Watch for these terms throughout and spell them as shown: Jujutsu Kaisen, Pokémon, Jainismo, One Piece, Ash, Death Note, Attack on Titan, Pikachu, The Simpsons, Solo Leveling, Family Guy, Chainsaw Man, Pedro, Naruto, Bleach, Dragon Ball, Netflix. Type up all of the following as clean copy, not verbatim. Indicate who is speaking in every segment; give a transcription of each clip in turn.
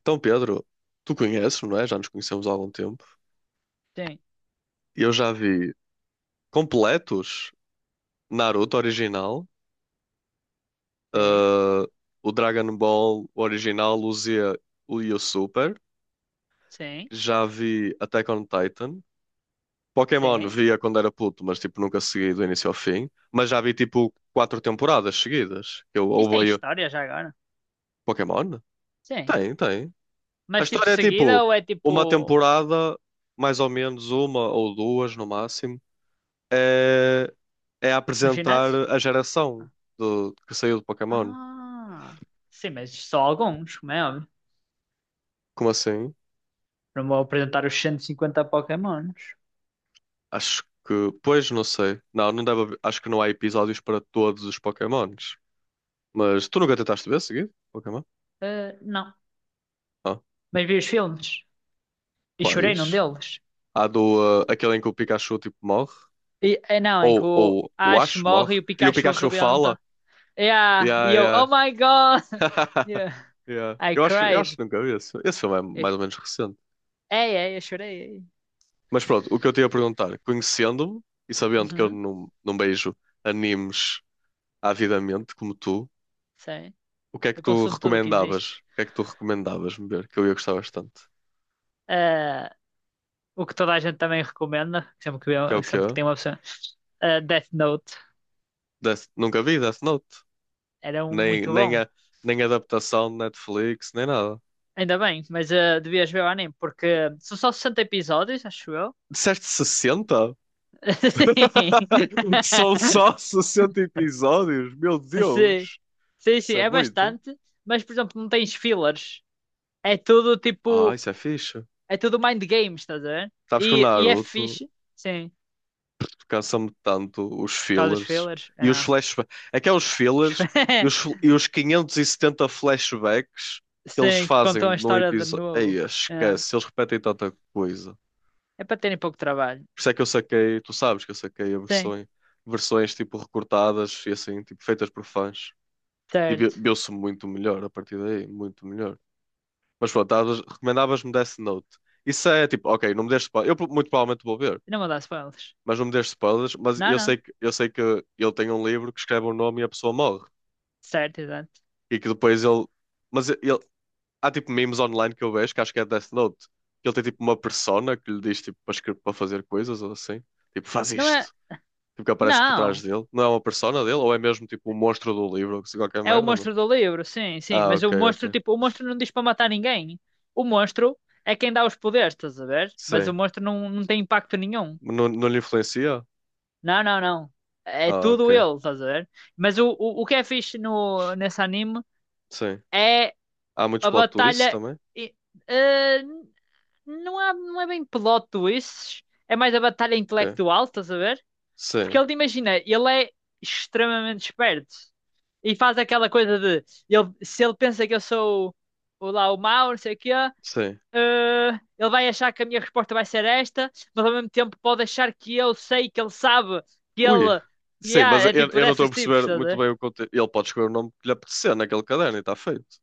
Speaker 1: Então, Pedro, tu conheces, não é? Já nos conhecemos há algum tempo.
Speaker 2: Sim,
Speaker 1: Eu já vi completos Naruto original,
Speaker 2: sim,
Speaker 1: ah, o Dragon Ball original, o Z e o Super.
Speaker 2: sim,
Speaker 1: Já vi Attack on Titan. Pokémon
Speaker 2: sim.
Speaker 1: via quando era puto, mas tipo nunca segui do início ao fim. Mas já vi tipo quatro temporadas seguidas. Eu
Speaker 2: Isso tem
Speaker 1: ouvi veio
Speaker 2: história já agora?
Speaker 1: Pokémon?
Speaker 2: Sim.
Speaker 1: Tem, tem. A
Speaker 2: Mas tipo
Speaker 1: história é
Speaker 2: seguida
Speaker 1: tipo
Speaker 2: ou é
Speaker 1: uma
Speaker 2: tipo
Speaker 1: temporada, mais ou menos uma ou duas no máximo. É, é
Speaker 2: um
Speaker 1: apresentar
Speaker 2: ginásio?
Speaker 1: a geração do, que saiu do Pokémon.
Speaker 2: Ah, sim, mas só alguns, como é óbvio.
Speaker 1: Como assim?
Speaker 2: Não vou apresentar os 150 Pokémons.
Speaker 1: Acho que. Pois, não sei. Não deve haver- Acho que não há episódios para todos os Pokémons. Mas tu nunca tentaste ver seguido? Pokémon?
Speaker 2: Ah, não.
Speaker 1: Ah,
Speaker 2: Mas vi os filmes e chorei num
Speaker 1: quais?
Speaker 2: deles.
Speaker 1: Há do. Aquele em que o Pikachu tipo morre?
Speaker 2: É não, em que
Speaker 1: Ou,
Speaker 2: o
Speaker 1: ou o
Speaker 2: Ash
Speaker 1: Ash morre?
Speaker 2: morre e o
Speaker 1: E o
Speaker 2: Pikachu
Speaker 1: Pikachu fala?
Speaker 2: rebenta. Yeah,
Speaker 1: Yeah,
Speaker 2: e eu,
Speaker 1: yeah.
Speaker 2: oh my God! Yeah.
Speaker 1: Yeah.
Speaker 2: I
Speaker 1: Eu acho
Speaker 2: cried.
Speaker 1: que nunca vi esse. Esse filme é
Speaker 2: Eu-
Speaker 1: mais ou menos recente.
Speaker 2: Ei, ei, eu chorei. Ei.
Speaker 1: Mas pronto, o que eu te ia perguntar, conhecendo-me e sabendo que eu
Speaker 2: Uhum,
Speaker 1: não beijo animes avidamente como tu,
Speaker 2: sei.
Speaker 1: o que é que
Speaker 2: Eu
Speaker 1: tu
Speaker 2: consumo tudo o que existe.
Speaker 1: recomendavas? O que é que tu recomendavas-me ver? Que eu ia gostar bastante.
Speaker 2: Ah, o que toda a gente também recomenda, sempre que,
Speaker 1: Que é o
Speaker 2: sempre que
Speaker 1: quê?
Speaker 2: tem uma opção, Death Note
Speaker 1: Death... Nunca vi Death Note.
Speaker 2: era um
Speaker 1: Nem,
Speaker 2: muito
Speaker 1: nem,
Speaker 2: bom.
Speaker 1: a, Nem adaptação de Netflix, nem nada.
Speaker 2: Ainda bem, mas devias ver o anime, porque são só 60 episódios, acho eu.
Speaker 1: Disseste 60?
Speaker 2: Sim.
Speaker 1: São só 60 episódios? Meu
Speaker 2: Sim,
Speaker 1: Deus!
Speaker 2: sim, sim,
Speaker 1: Isso é
Speaker 2: é
Speaker 1: muito.
Speaker 2: bastante, mas por exemplo, não tens fillers. É tudo
Speaker 1: Ah,
Speaker 2: tipo,
Speaker 1: isso é fixe.
Speaker 2: é tudo mind games, estás a ver?
Speaker 1: Sabes que o
Speaker 2: E é
Speaker 1: Naruto
Speaker 2: fixe, sim,
Speaker 1: cansa-me tanto os
Speaker 2: por causa dos
Speaker 1: fillers
Speaker 2: fillers.
Speaker 1: e os
Speaker 2: É.
Speaker 1: flashbacks. É que é os fillers e e os 570 flashbacks que eles
Speaker 2: Sim, que
Speaker 1: fazem
Speaker 2: contam a
Speaker 1: num
Speaker 2: história de
Speaker 1: episódio. Ei,
Speaker 2: novo. É,
Speaker 1: esquece, eles repetem tanta coisa.
Speaker 2: é para terem pouco trabalho.
Speaker 1: Por isso é que eu saquei, tu sabes que eu saquei a
Speaker 2: Sim,
Speaker 1: versões, versões tipo recortadas e assim, tipo feitas por fãs. E vi-
Speaker 2: certo.
Speaker 1: viu-se muito melhor a partir daí, muito melhor. Mas pronto, estavas- recomendavas-me Death Note. Isso é tipo, ok, não me deste spoiler. Eu pro- muito provavelmente vou ver.
Speaker 2: Não vou dar spoilers.
Speaker 1: Mas não me dês spoilers, mas
Speaker 2: Não,
Speaker 1: eu
Speaker 2: não.
Speaker 1: sei que eu sei que ele tem um livro que escreve o nome e a pessoa morre.
Speaker 2: Certo, exato.
Speaker 1: E que depois ele. Mas ele. Há tipo memes online que eu vejo, que acho que é Death Note, que ele tem tipo uma persona que lhe diz tipo para, escrever, para fazer coisas ou assim. Tipo, faz
Speaker 2: Não é.
Speaker 1: isto. Tipo, que aparece por trás
Speaker 2: Não!
Speaker 1: dele. Não é uma persona dele, ou é mesmo tipo um monstro do livro, ou assim, qualquer
Speaker 2: É o
Speaker 1: merda, não?
Speaker 2: monstro do livro, sim, sim.
Speaker 1: Ah,
Speaker 2: Mas
Speaker 1: ok,
Speaker 2: o
Speaker 1: ok.
Speaker 2: monstro, tipo, o monstro não diz para matar ninguém. O monstro é quem dá os poderes, estás a ver? Mas o
Speaker 1: Sim.
Speaker 2: monstro não, não tem impacto nenhum.
Speaker 1: Não, não lhe influencia?
Speaker 2: Não, não, não. É
Speaker 1: Ah,
Speaker 2: tudo
Speaker 1: ok.
Speaker 2: ele, estás a ver? Mas o que é fixe no, nesse anime
Speaker 1: Sim.
Speaker 2: é
Speaker 1: Há muitos
Speaker 2: a
Speaker 1: plot twists
Speaker 2: batalha.
Speaker 1: também?
Speaker 2: e- eh, não é bem plot twists. É mais a batalha
Speaker 1: Ok.
Speaker 2: intelectual, estás a ver? Porque
Speaker 1: Sim,
Speaker 2: ele, imagina, ele é extremamente esperto. E faz aquela coisa de... Ele, se ele pensa que eu sou o, lá o mau, não sei o quê...
Speaker 1: sim.
Speaker 2: eh, ele vai achar que a minha resposta vai ser esta, mas ao mesmo tempo pode achar que eu sei, que ele sabe, que
Speaker 1: Ui,
Speaker 2: ele...
Speaker 1: sim,
Speaker 2: Yeah,
Speaker 1: mas
Speaker 2: é
Speaker 1: eu,
Speaker 2: tipo
Speaker 1: eu não estou a
Speaker 2: dessas tipos,
Speaker 1: perceber
Speaker 2: estás a
Speaker 1: muito
Speaker 2: ver?
Speaker 1: bem o conteúdo. Ele pode escolher o nome que lhe apetecer naquele caderno e está feito.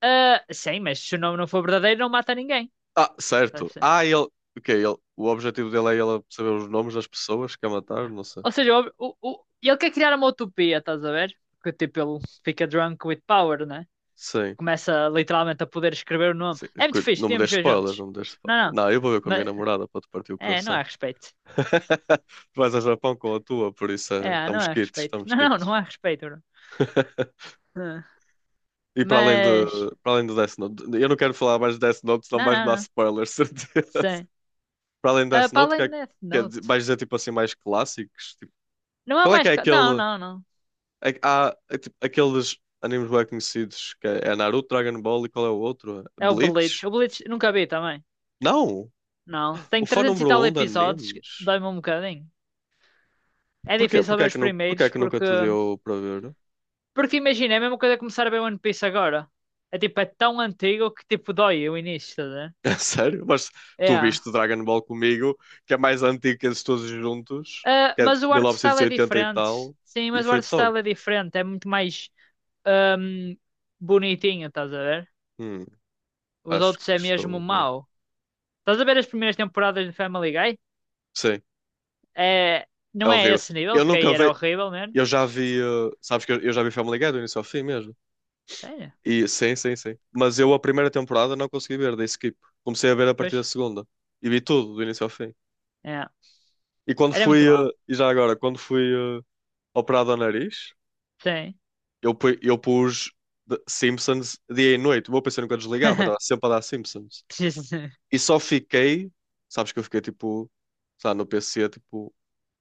Speaker 2: Ah, sim, mas se o nome não for verdadeiro, não mata ninguém.
Speaker 1: Ah, certo.
Speaker 2: Estás a ver?
Speaker 1: Ah, ele. O quê? Ele... O objetivo dele é ele saber os nomes das pessoas que quer matar? Não sei.
Speaker 2: Ou seja, ele quer criar uma utopia, estás a ver? Porque tipo, ele fica drunk with power, né?
Speaker 1: Sim.
Speaker 2: Começa literalmente a poder escrever o nome.
Speaker 1: Sim.
Speaker 2: É muito
Speaker 1: Cu-
Speaker 2: fixe,
Speaker 1: Não me
Speaker 2: podíamos
Speaker 1: deixes
Speaker 2: ver
Speaker 1: spoilers,
Speaker 2: juntos.
Speaker 1: não me deixes
Speaker 2: Não,
Speaker 1: spoilers.
Speaker 2: não.
Speaker 1: Não, eu vou ver com a minha
Speaker 2: Mas,
Speaker 1: namorada para te partir o
Speaker 2: é, não há
Speaker 1: coração.
Speaker 2: respeito.
Speaker 1: Tu vais ao Japão com a tua, por isso
Speaker 2: É, não
Speaker 1: estamos
Speaker 2: há
Speaker 1: quites,
Speaker 2: respeito.
Speaker 1: estamos
Speaker 2: Não, não, não
Speaker 1: quites.
Speaker 2: há respeito, Bruno. Ah,
Speaker 1: E para além de,
Speaker 2: mas,
Speaker 1: para além do Death Note, eu não quero falar mais de Death Note, senão
Speaker 2: não,
Speaker 1: vais-me
Speaker 2: não,
Speaker 1: dar
Speaker 2: não.
Speaker 1: spoilers, certeza.
Speaker 2: Sim.
Speaker 1: Para além de
Speaker 2: Ah,
Speaker 1: Death
Speaker 2: para
Speaker 1: Note,
Speaker 2: além
Speaker 1: que
Speaker 2: de Death
Speaker 1: é de-
Speaker 2: Note.
Speaker 1: vais dizer tipo assim mais clássicos? Tipo,
Speaker 2: Não há
Speaker 1: qual é que
Speaker 2: mais.
Speaker 1: é
Speaker 2: Não,
Speaker 1: aquele.
Speaker 2: não, não.
Speaker 1: É, que há é, tipo, aqueles animes bem conhecidos que é, é Naruto, Dragon Ball e qual é o outro?
Speaker 2: É o
Speaker 1: Bleach?
Speaker 2: Bleach. O Bleach nunca vi também.
Speaker 1: Não!
Speaker 2: Não. Tem
Speaker 1: O fã
Speaker 2: 300 e
Speaker 1: número
Speaker 2: tal
Speaker 1: um de
Speaker 2: episódios.
Speaker 1: animes.
Speaker 2: Dói-me um bocadinho. É
Speaker 1: Porquê?
Speaker 2: difícil
Speaker 1: Porquê
Speaker 2: ver
Speaker 1: é
Speaker 2: os
Speaker 1: que, nu- porquê é
Speaker 2: primeiros
Speaker 1: que nunca
Speaker 2: porque.
Speaker 1: te deu para ver?
Speaker 2: Porque imagina, é a mesma coisa começar a ver One Piece agora. É tipo, é tão antigo que tipo dói o início, tá a ver?
Speaker 1: É sério? Mas tu
Speaker 2: É.
Speaker 1: viste Dragon Ball comigo, que é mais antigo que eles todos juntos,
Speaker 2: Ah,
Speaker 1: que é de
Speaker 2: mas o art style é
Speaker 1: 1980 e oitenta e
Speaker 2: diferente.
Speaker 1: tal,
Speaker 2: Sim,
Speaker 1: e
Speaker 2: mas o
Speaker 1: foi
Speaker 2: art
Speaker 1: top.
Speaker 2: style é diferente. É muito mais ahm, bonitinho, estás a ver?
Speaker 1: Hum,
Speaker 2: Os
Speaker 1: acho que
Speaker 2: outros é mesmo
Speaker 1: estou a ver.
Speaker 2: mau. Estás a ver as primeiras temporadas de Family Guy?
Speaker 1: Sim,
Speaker 2: É,
Speaker 1: é
Speaker 2: não é
Speaker 1: horrível.
Speaker 2: esse nível,
Speaker 1: Eu
Speaker 2: porque
Speaker 1: nunca
Speaker 2: aí era
Speaker 1: vi.
Speaker 2: horrível, mesmo.
Speaker 1: Eu já vi, sabes que eu já vi Family Guy do início ao fim mesmo.
Speaker 2: Sério?
Speaker 1: E sim, sim, sim. Mas eu a primeira temporada não consegui ver, dei skip. Comecei a ver a partir
Speaker 2: Pois.
Speaker 1: da segunda e vi tudo do início ao fim.
Speaker 2: É.
Speaker 1: E quando
Speaker 2: Era
Speaker 1: fui,
Speaker 2: muito mau.
Speaker 1: e já agora, quando fui operado ao nariz,
Speaker 2: Sim.
Speaker 1: eu, pu- eu pus The Simpsons dia e noite. O meu PC nunca desligava, estava sempre a dar Simpsons.
Speaker 2: Jesus.
Speaker 1: E só fiquei, sabes que eu fiquei tipo, sabe, no PC tipo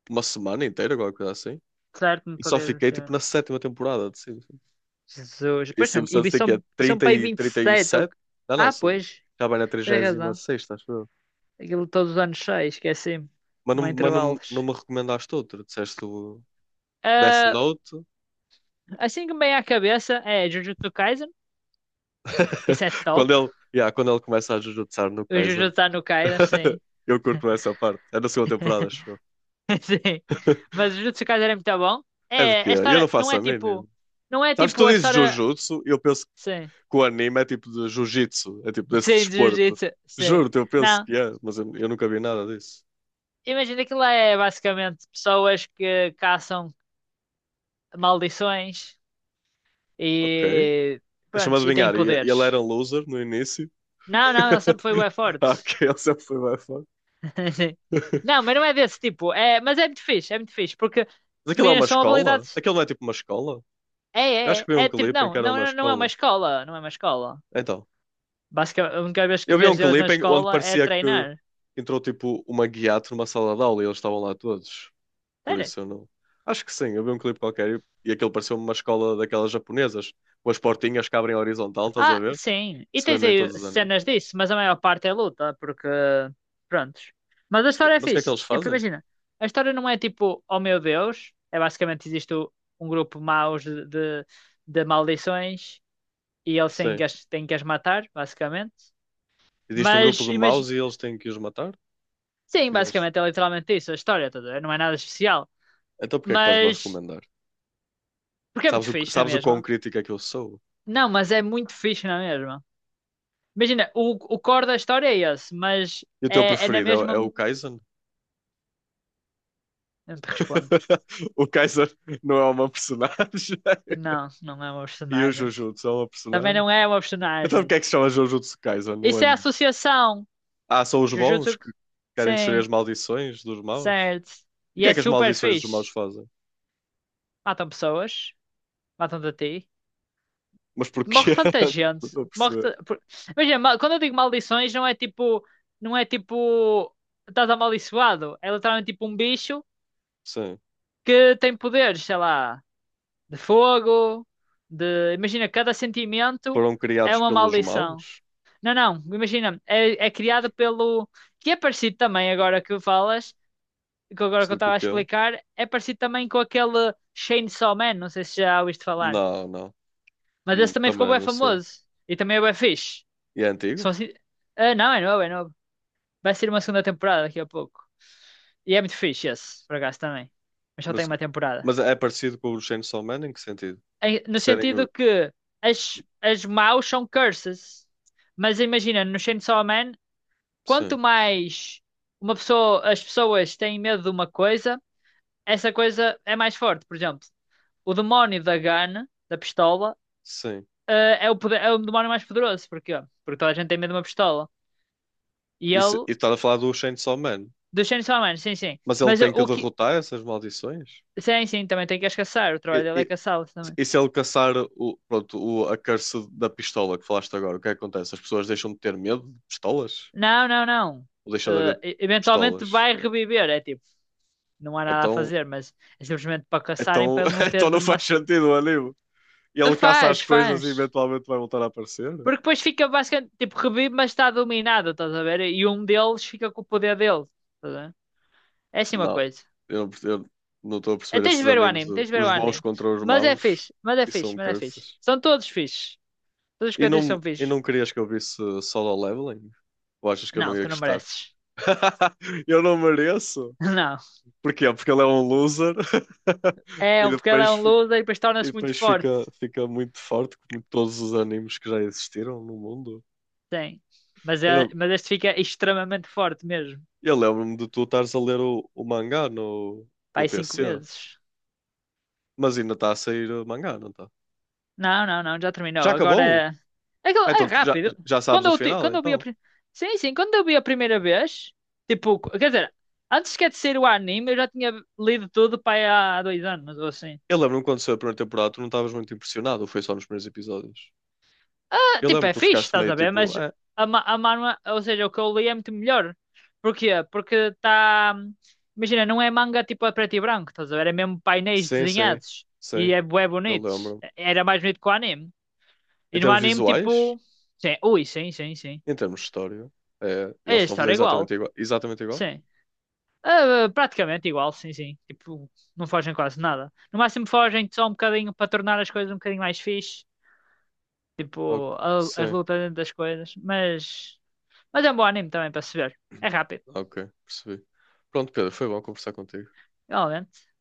Speaker 1: uma semana inteira, alguma coisa assim.
Speaker 2: Certo, não
Speaker 1: E só
Speaker 2: poder
Speaker 1: fiquei tipo
Speaker 2: mexer.
Speaker 1: na sétima temporada de Simpsons.
Speaker 2: Jesus.
Speaker 1: E em
Speaker 2: Pois são.
Speaker 1: Santos
Speaker 2: E
Speaker 1: tem que é
Speaker 2: são, são
Speaker 1: 30
Speaker 2: para aí
Speaker 1: e
Speaker 2: vinte e
Speaker 1: trinta e
Speaker 2: sete
Speaker 1: sete. Não,
Speaker 2: ah,
Speaker 1: sou...
Speaker 2: pois.
Speaker 1: já vai na
Speaker 2: Tens razão.
Speaker 1: 36, acho eu.
Speaker 2: Aquilo todos os anos 6, esqueci-me. Não há
Speaker 1: Mas não,
Speaker 2: intervalos.
Speaker 1: não me recomendaste outro. Disseste o Death
Speaker 2: Ah,
Speaker 1: Note.
Speaker 2: assim que me vem a cabeça é Jujutsu Kaisen, que esse é
Speaker 1: Quando
Speaker 2: top.
Speaker 1: ele, yeah, quando ele começa a jujutsar no
Speaker 2: O Jujutsu
Speaker 1: Kaisen.
Speaker 2: tá no Kaisen, sim.
Speaker 1: Eu curto essa parte. É da segunda temporada, acho eu.
Speaker 2: Sim. Mas Jujutsu Kaisen é muito bom.
Speaker 1: É de
Speaker 2: É,
Speaker 1: quê?
Speaker 2: a
Speaker 1: Eu não
Speaker 2: história não
Speaker 1: faço
Speaker 2: é
Speaker 1: a mínima.
Speaker 2: tipo. Não é
Speaker 1: Sabes,
Speaker 2: tipo
Speaker 1: tu
Speaker 2: a
Speaker 1: dizes
Speaker 2: história.
Speaker 1: Jujutsu e eu penso
Speaker 2: Sim.
Speaker 1: que o anime é tipo de Jiu-Jitsu. É tipo desse
Speaker 2: Sim, de
Speaker 1: desporto.
Speaker 2: Jujutsu. Sim.
Speaker 1: Juro-te, eu penso
Speaker 2: Não.
Speaker 1: que é, mas eu nunca vi nada disso.
Speaker 2: Imagina que lá é basicamente pessoas que caçam maldições
Speaker 1: Ok.
Speaker 2: e.
Speaker 1: Deixa-me
Speaker 2: Pronto, e têm
Speaker 1: adivinhar. E- Ele era
Speaker 2: poderes.
Speaker 1: um loser no início.
Speaker 2: Não, não, ele sempre foi bué forte.
Speaker 1: Ah, ok, ele sempre foi mais forte.
Speaker 2: Sim. Não, mas não é desse tipo. É, mas é muito fixe, é muito fixe. Porque,
Speaker 1: Mas aquilo é
Speaker 2: imagina,
Speaker 1: uma
Speaker 2: são
Speaker 1: escola?
Speaker 2: habilidades.
Speaker 1: Aquilo não é tipo uma escola?
Speaker 2: É,
Speaker 1: Eu
Speaker 2: é,
Speaker 1: acho que vi
Speaker 2: é,
Speaker 1: um
Speaker 2: é tipo,
Speaker 1: clipe em que
Speaker 2: não,
Speaker 1: era
Speaker 2: não,
Speaker 1: uma
Speaker 2: não é uma
Speaker 1: escola.
Speaker 2: escola, não é uma escola.
Speaker 1: Então,
Speaker 2: Basicamente, a única vez
Speaker 1: eu
Speaker 2: que
Speaker 1: vi um
Speaker 2: vês eles na
Speaker 1: clipe em- onde
Speaker 2: escola é
Speaker 1: parecia que
Speaker 2: treinar.
Speaker 1: entrou tipo uma guiato numa sala de aula e eles estavam lá todos. Por
Speaker 2: Sério?
Speaker 1: isso eu não. Acho que sim, eu vi um clipe qualquer e aquilo pareceu uma escola daquelas japonesas, com as portinhas que abrem horizontal, estás a
Speaker 2: Ah,
Speaker 1: ver?
Speaker 2: sim.
Speaker 1: Que
Speaker 2: E
Speaker 1: se
Speaker 2: tens
Speaker 1: vê em
Speaker 2: aí
Speaker 1: todos os animes.
Speaker 2: cenas disso, mas a maior parte é luta, porque, prontos. Mas a história é
Speaker 1: Mas o que é que
Speaker 2: fixe.
Speaker 1: eles
Speaker 2: Tipo,
Speaker 1: fazem?
Speaker 2: imagina, a história não é tipo, oh meu Deus, é basicamente existe um grupo maus de maldições e eles têm
Speaker 1: Sim.
Speaker 2: que as, têm que as matar, basicamente.
Speaker 1: Existe um grupo
Speaker 2: Mas,
Speaker 1: de maus
Speaker 2: imagina,
Speaker 1: e eles têm que os matar?
Speaker 2: sim,
Speaker 1: E eles.
Speaker 2: basicamente é literalmente isso, a história toda, não é nada especial.
Speaker 1: Então porque é que estás-me a
Speaker 2: Mas
Speaker 1: recomendar?
Speaker 2: porque é muito fixe, não é
Speaker 1: Sabes o quão
Speaker 2: mesmo?
Speaker 1: crítico é que eu sou?
Speaker 2: Não, mas é muito fixe, não é mesmo? Imagina, o core da história é esse, mas
Speaker 1: E o teu
Speaker 2: é, é na
Speaker 1: preferido é, o- é
Speaker 2: mesma.
Speaker 1: o Kaizen?
Speaker 2: Não te respondo.
Speaker 1: O Kaizen não é uma personagem.
Speaker 2: Não, não é uma
Speaker 1: E o
Speaker 2: personagem.
Speaker 1: Jujutsu é uma
Speaker 2: Também
Speaker 1: personagem?
Speaker 2: não é uma
Speaker 1: Então porque
Speaker 2: personagem.
Speaker 1: é que se chama Jujutsu Kaisen no
Speaker 2: Isso é
Speaker 1: anime?
Speaker 2: associação.
Speaker 1: Ah, são os bons
Speaker 2: Jujutsu.
Speaker 1: que querem destruir as
Speaker 2: Sim,
Speaker 1: maldições dos maus?
Speaker 2: certo.
Speaker 1: E o
Speaker 2: E
Speaker 1: que
Speaker 2: é
Speaker 1: é que as
Speaker 2: super
Speaker 1: maldições dos maus
Speaker 2: fixe.
Speaker 1: fazem?
Speaker 2: Matam pessoas, matam-te a ti.
Speaker 1: Mas
Speaker 2: Tipo,
Speaker 1: porquê?
Speaker 2: morre tanta
Speaker 1: Não
Speaker 2: gente.
Speaker 1: estou a
Speaker 2: Morre
Speaker 1: perceber.
Speaker 2: imagina, quando eu digo maldições, não é tipo. Não é tipo. Estás amaldiçoado. É literalmente tipo um bicho
Speaker 1: Sim.
Speaker 2: que tem poderes, sei lá, de fogo, de. Imagina, cada sentimento
Speaker 1: Foram
Speaker 2: é
Speaker 1: criados
Speaker 2: uma
Speaker 1: pelos
Speaker 2: maldição.
Speaker 1: maus?
Speaker 2: Não, não, imagina, é, é criado pelo. Que é parecido também, agora que falas, que agora que eu
Speaker 1: Sei o
Speaker 2: estava a
Speaker 1: que é.
Speaker 2: explicar, é parecido também com aquele Chainsaw Man, não sei se já ouviste falar.
Speaker 1: Não, não.
Speaker 2: Mas esse também ficou
Speaker 1: Também
Speaker 2: bem
Speaker 1: não sei.
Speaker 2: famoso. E também é bem fixe.
Speaker 1: E é
Speaker 2: São
Speaker 1: antigo?
Speaker 2: assim... Ah, não, é novo, é novo. Vai ser uma segunda temporada daqui a pouco. E é muito fixe esse, por acaso também. Mas só tem
Speaker 1: Mas,
Speaker 2: uma temporada.
Speaker 1: mas é parecido com o Chainsaw Man em que sentido?
Speaker 2: No
Speaker 1: Serem
Speaker 2: sentido que as maus são curses. Mas imagina, no Chainsaw Man, quanto
Speaker 1: Sim,
Speaker 2: mais uma pessoa, as pessoas têm medo de uma coisa, essa coisa é mais forte. Por exemplo, o demónio da gun, da pistola,
Speaker 1: sim.
Speaker 2: é o, é o demónio mais poderoso. Porquê? Porque toda a gente tem medo de uma pistola. E
Speaker 1: Isso,
Speaker 2: ele,
Speaker 1: e estás a falar do Chainsaw Man.
Speaker 2: do Chainsaw Man, sim, sim.
Speaker 1: Mas ele
Speaker 2: Mas o
Speaker 1: tem que
Speaker 2: o que.
Speaker 1: derrotar essas maldições?
Speaker 2: Sim, sim, também tem que as caçar. O trabalho
Speaker 1: E,
Speaker 2: dele é
Speaker 1: e-
Speaker 2: caçá-los também.
Speaker 1: e se ele caçar o, pronto, o, a curse da pistola que falaste agora, o que é que acontece? As pessoas deixam de ter medo de pistolas?
Speaker 2: Não, não, não.
Speaker 1: Ou deixam de haver
Speaker 2: Eventualmente
Speaker 1: pistolas?
Speaker 2: vai reviver. É tipo. Não há nada a
Speaker 1: Então,
Speaker 2: fazer, mas é simplesmente para caçarem
Speaker 1: então,
Speaker 2: para ele não
Speaker 1: então
Speaker 2: ter de
Speaker 1: não faz
Speaker 2: massa.
Speaker 1: sentido o anime. E ele caça
Speaker 2: Faz,
Speaker 1: as coisas e
Speaker 2: faz.
Speaker 1: eventualmente vai voltar a aparecer?
Speaker 2: Porque depois fica basicamente tipo revive, mas está dominado, estás a ver? E um deles fica com o poder dele. Estás a ver? É assim uma
Speaker 1: Não.
Speaker 2: coisa.
Speaker 1: Eu não estou a
Speaker 2: É,
Speaker 1: perceber
Speaker 2: tens
Speaker 1: esses
Speaker 2: de ver o
Speaker 1: animes
Speaker 2: anime,
Speaker 1: de
Speaker 2: tens de ver o
Speaker 1: os bons
Speaker 2: anime.
Speaker 1: contra os
Speaker 2: Mas é
Speaker 1: maus.
Speaker 2: fixe, mas é
Speaker 1: E
Speaker 2: fixe,
Speaker 1: são
Speaker 2: mas é fixe.
Speaker 1: curses.
Speaker 2: São todos fixes. Todos os que
Speaker 1: E
Speaker 2: eu disse são
Speaker 1: não, e
Speaker 2: fixes.
Speaker 1: não querias que eu visse solo leveling? Ou achas que eu não
Speaker 2: Não,
Speaker 1: ia
Speaker 2: tu não
Speaker 1: gostar?
Speaker 2: mereces.
Speaker 1: Eu não mereço.
Speaker 2: Não.
Speaker 1: Porquê? Porque ele é um loser
Speaker 2: É,
Speaker 1: e
Speaker 2: porque ele é
Speaker 1: depois,
Speaker 2: um
Speaker 1: fi-
Speaker 2: loser e depois
Speaker 1: e
Speaker 2: torna-se muito
Speaker 1: depois fica,
Speaker 2: forte.
Speaker 1: fica muito forte, como todos os animes que já existiram no mundo.
Speaker 2: Sim. Mas,
Speaker 1: Eu,
Speaker 2: é,
Speaker 1: não-
Speaker 2: mas este fica extremamente forte mesmo.
Speaker 1: eu lembro-me de tu estares a ler o mangá no
Speaker 2: Pai, 5
Speaker 1: PC,
Speaker 2: vezes.
Speaker 1: mas ainda está a sair o mangá, não está?
Speaker 2: Não, não, não, já
Speaker 1: Já
Speaker 2: terminou. Agora
Speaker 1: acabou?
Speaker 2: é,
Speaker 1: Ah,
Speaker 2: é
Speaker 1: então tu já,
Speaker 2: rápido.
Speaker 1: já sabes o final,
Speaker 2: Quando eu vi
Speaker 1: então.
Speaker 2: sim, sim, quando eu vi a primeira vez, tipo, quer dizer, antes sequer de ser o anime, eu já tinha lido tudo para aí há 2 anos ou assim.
Speaker 1: Eu lembro-me quando saiu a primeira temporada, tu não estavas muito impressionado, ou foi só nos primeiros episódios?
Speaker 2: Ah,
Speaker 1: Eu
Speaker 2: tipo,
Speaker 1: lembro, que
Speaker 2: é
Speaker 1: tu
Speaker 2: fixe,
Speaker 1: ficaste
Speaker 2: estás
Speaker 1: meio
Speaker 2: a ver?
Speaker 1: tipo,
Speaker 2: Mas
Speaker 1: ah,
Speaker 2: a manhwa, ou seja, o que eu li é muito melhor. Porquê? Porque está, imagina, não é manga tipo a preto e branco, estás a ver? É mesmo painéis
Speaker 1: sim, sim,
Speaker 2: desenhados
Speaker 1: sim,
Speaker 2: e é bué
Speaker 1: eu
Speaker 2: bonitos.
Speaker 1: lembro.
Speaker 2: Era mais bonito que o anime.
Speaker 1: Em
Speaker 2: E no
Speaker 1: termos
Speaker 2: anime,
Speaker 1: visuais,
Speaker 2: tipo, sim, ui, sim, sim, sim.
Speaker 1: em termos de história, é,
Speaker 2: É
Speaker 1: eles
Speaker 2: a
Speaker 1: estão a fazer
Speaker 2: história é
Speaker 1: exatamente
Speaker 2: igual,
Speaker 1: igual. Exatamente igual?
Speaker 2: sim. Ah, praticamente igual, sim, sim. Tipo, não fogem quase nada. No máximo fogem só um bocadinho para tornar as coisas um bocadinho mais fixe. Tipo,
Speaker 1: Ok,
Speaker 2: as
Speaker 1: sim,
Speaker 2: lutas dentro das coisas. Mas é um bom anime também para se ver. É rápido,
Speaker 1: ok, percebi. Pronto, Pedro, foi bom conversar contigo.
Speaker 2: realmente.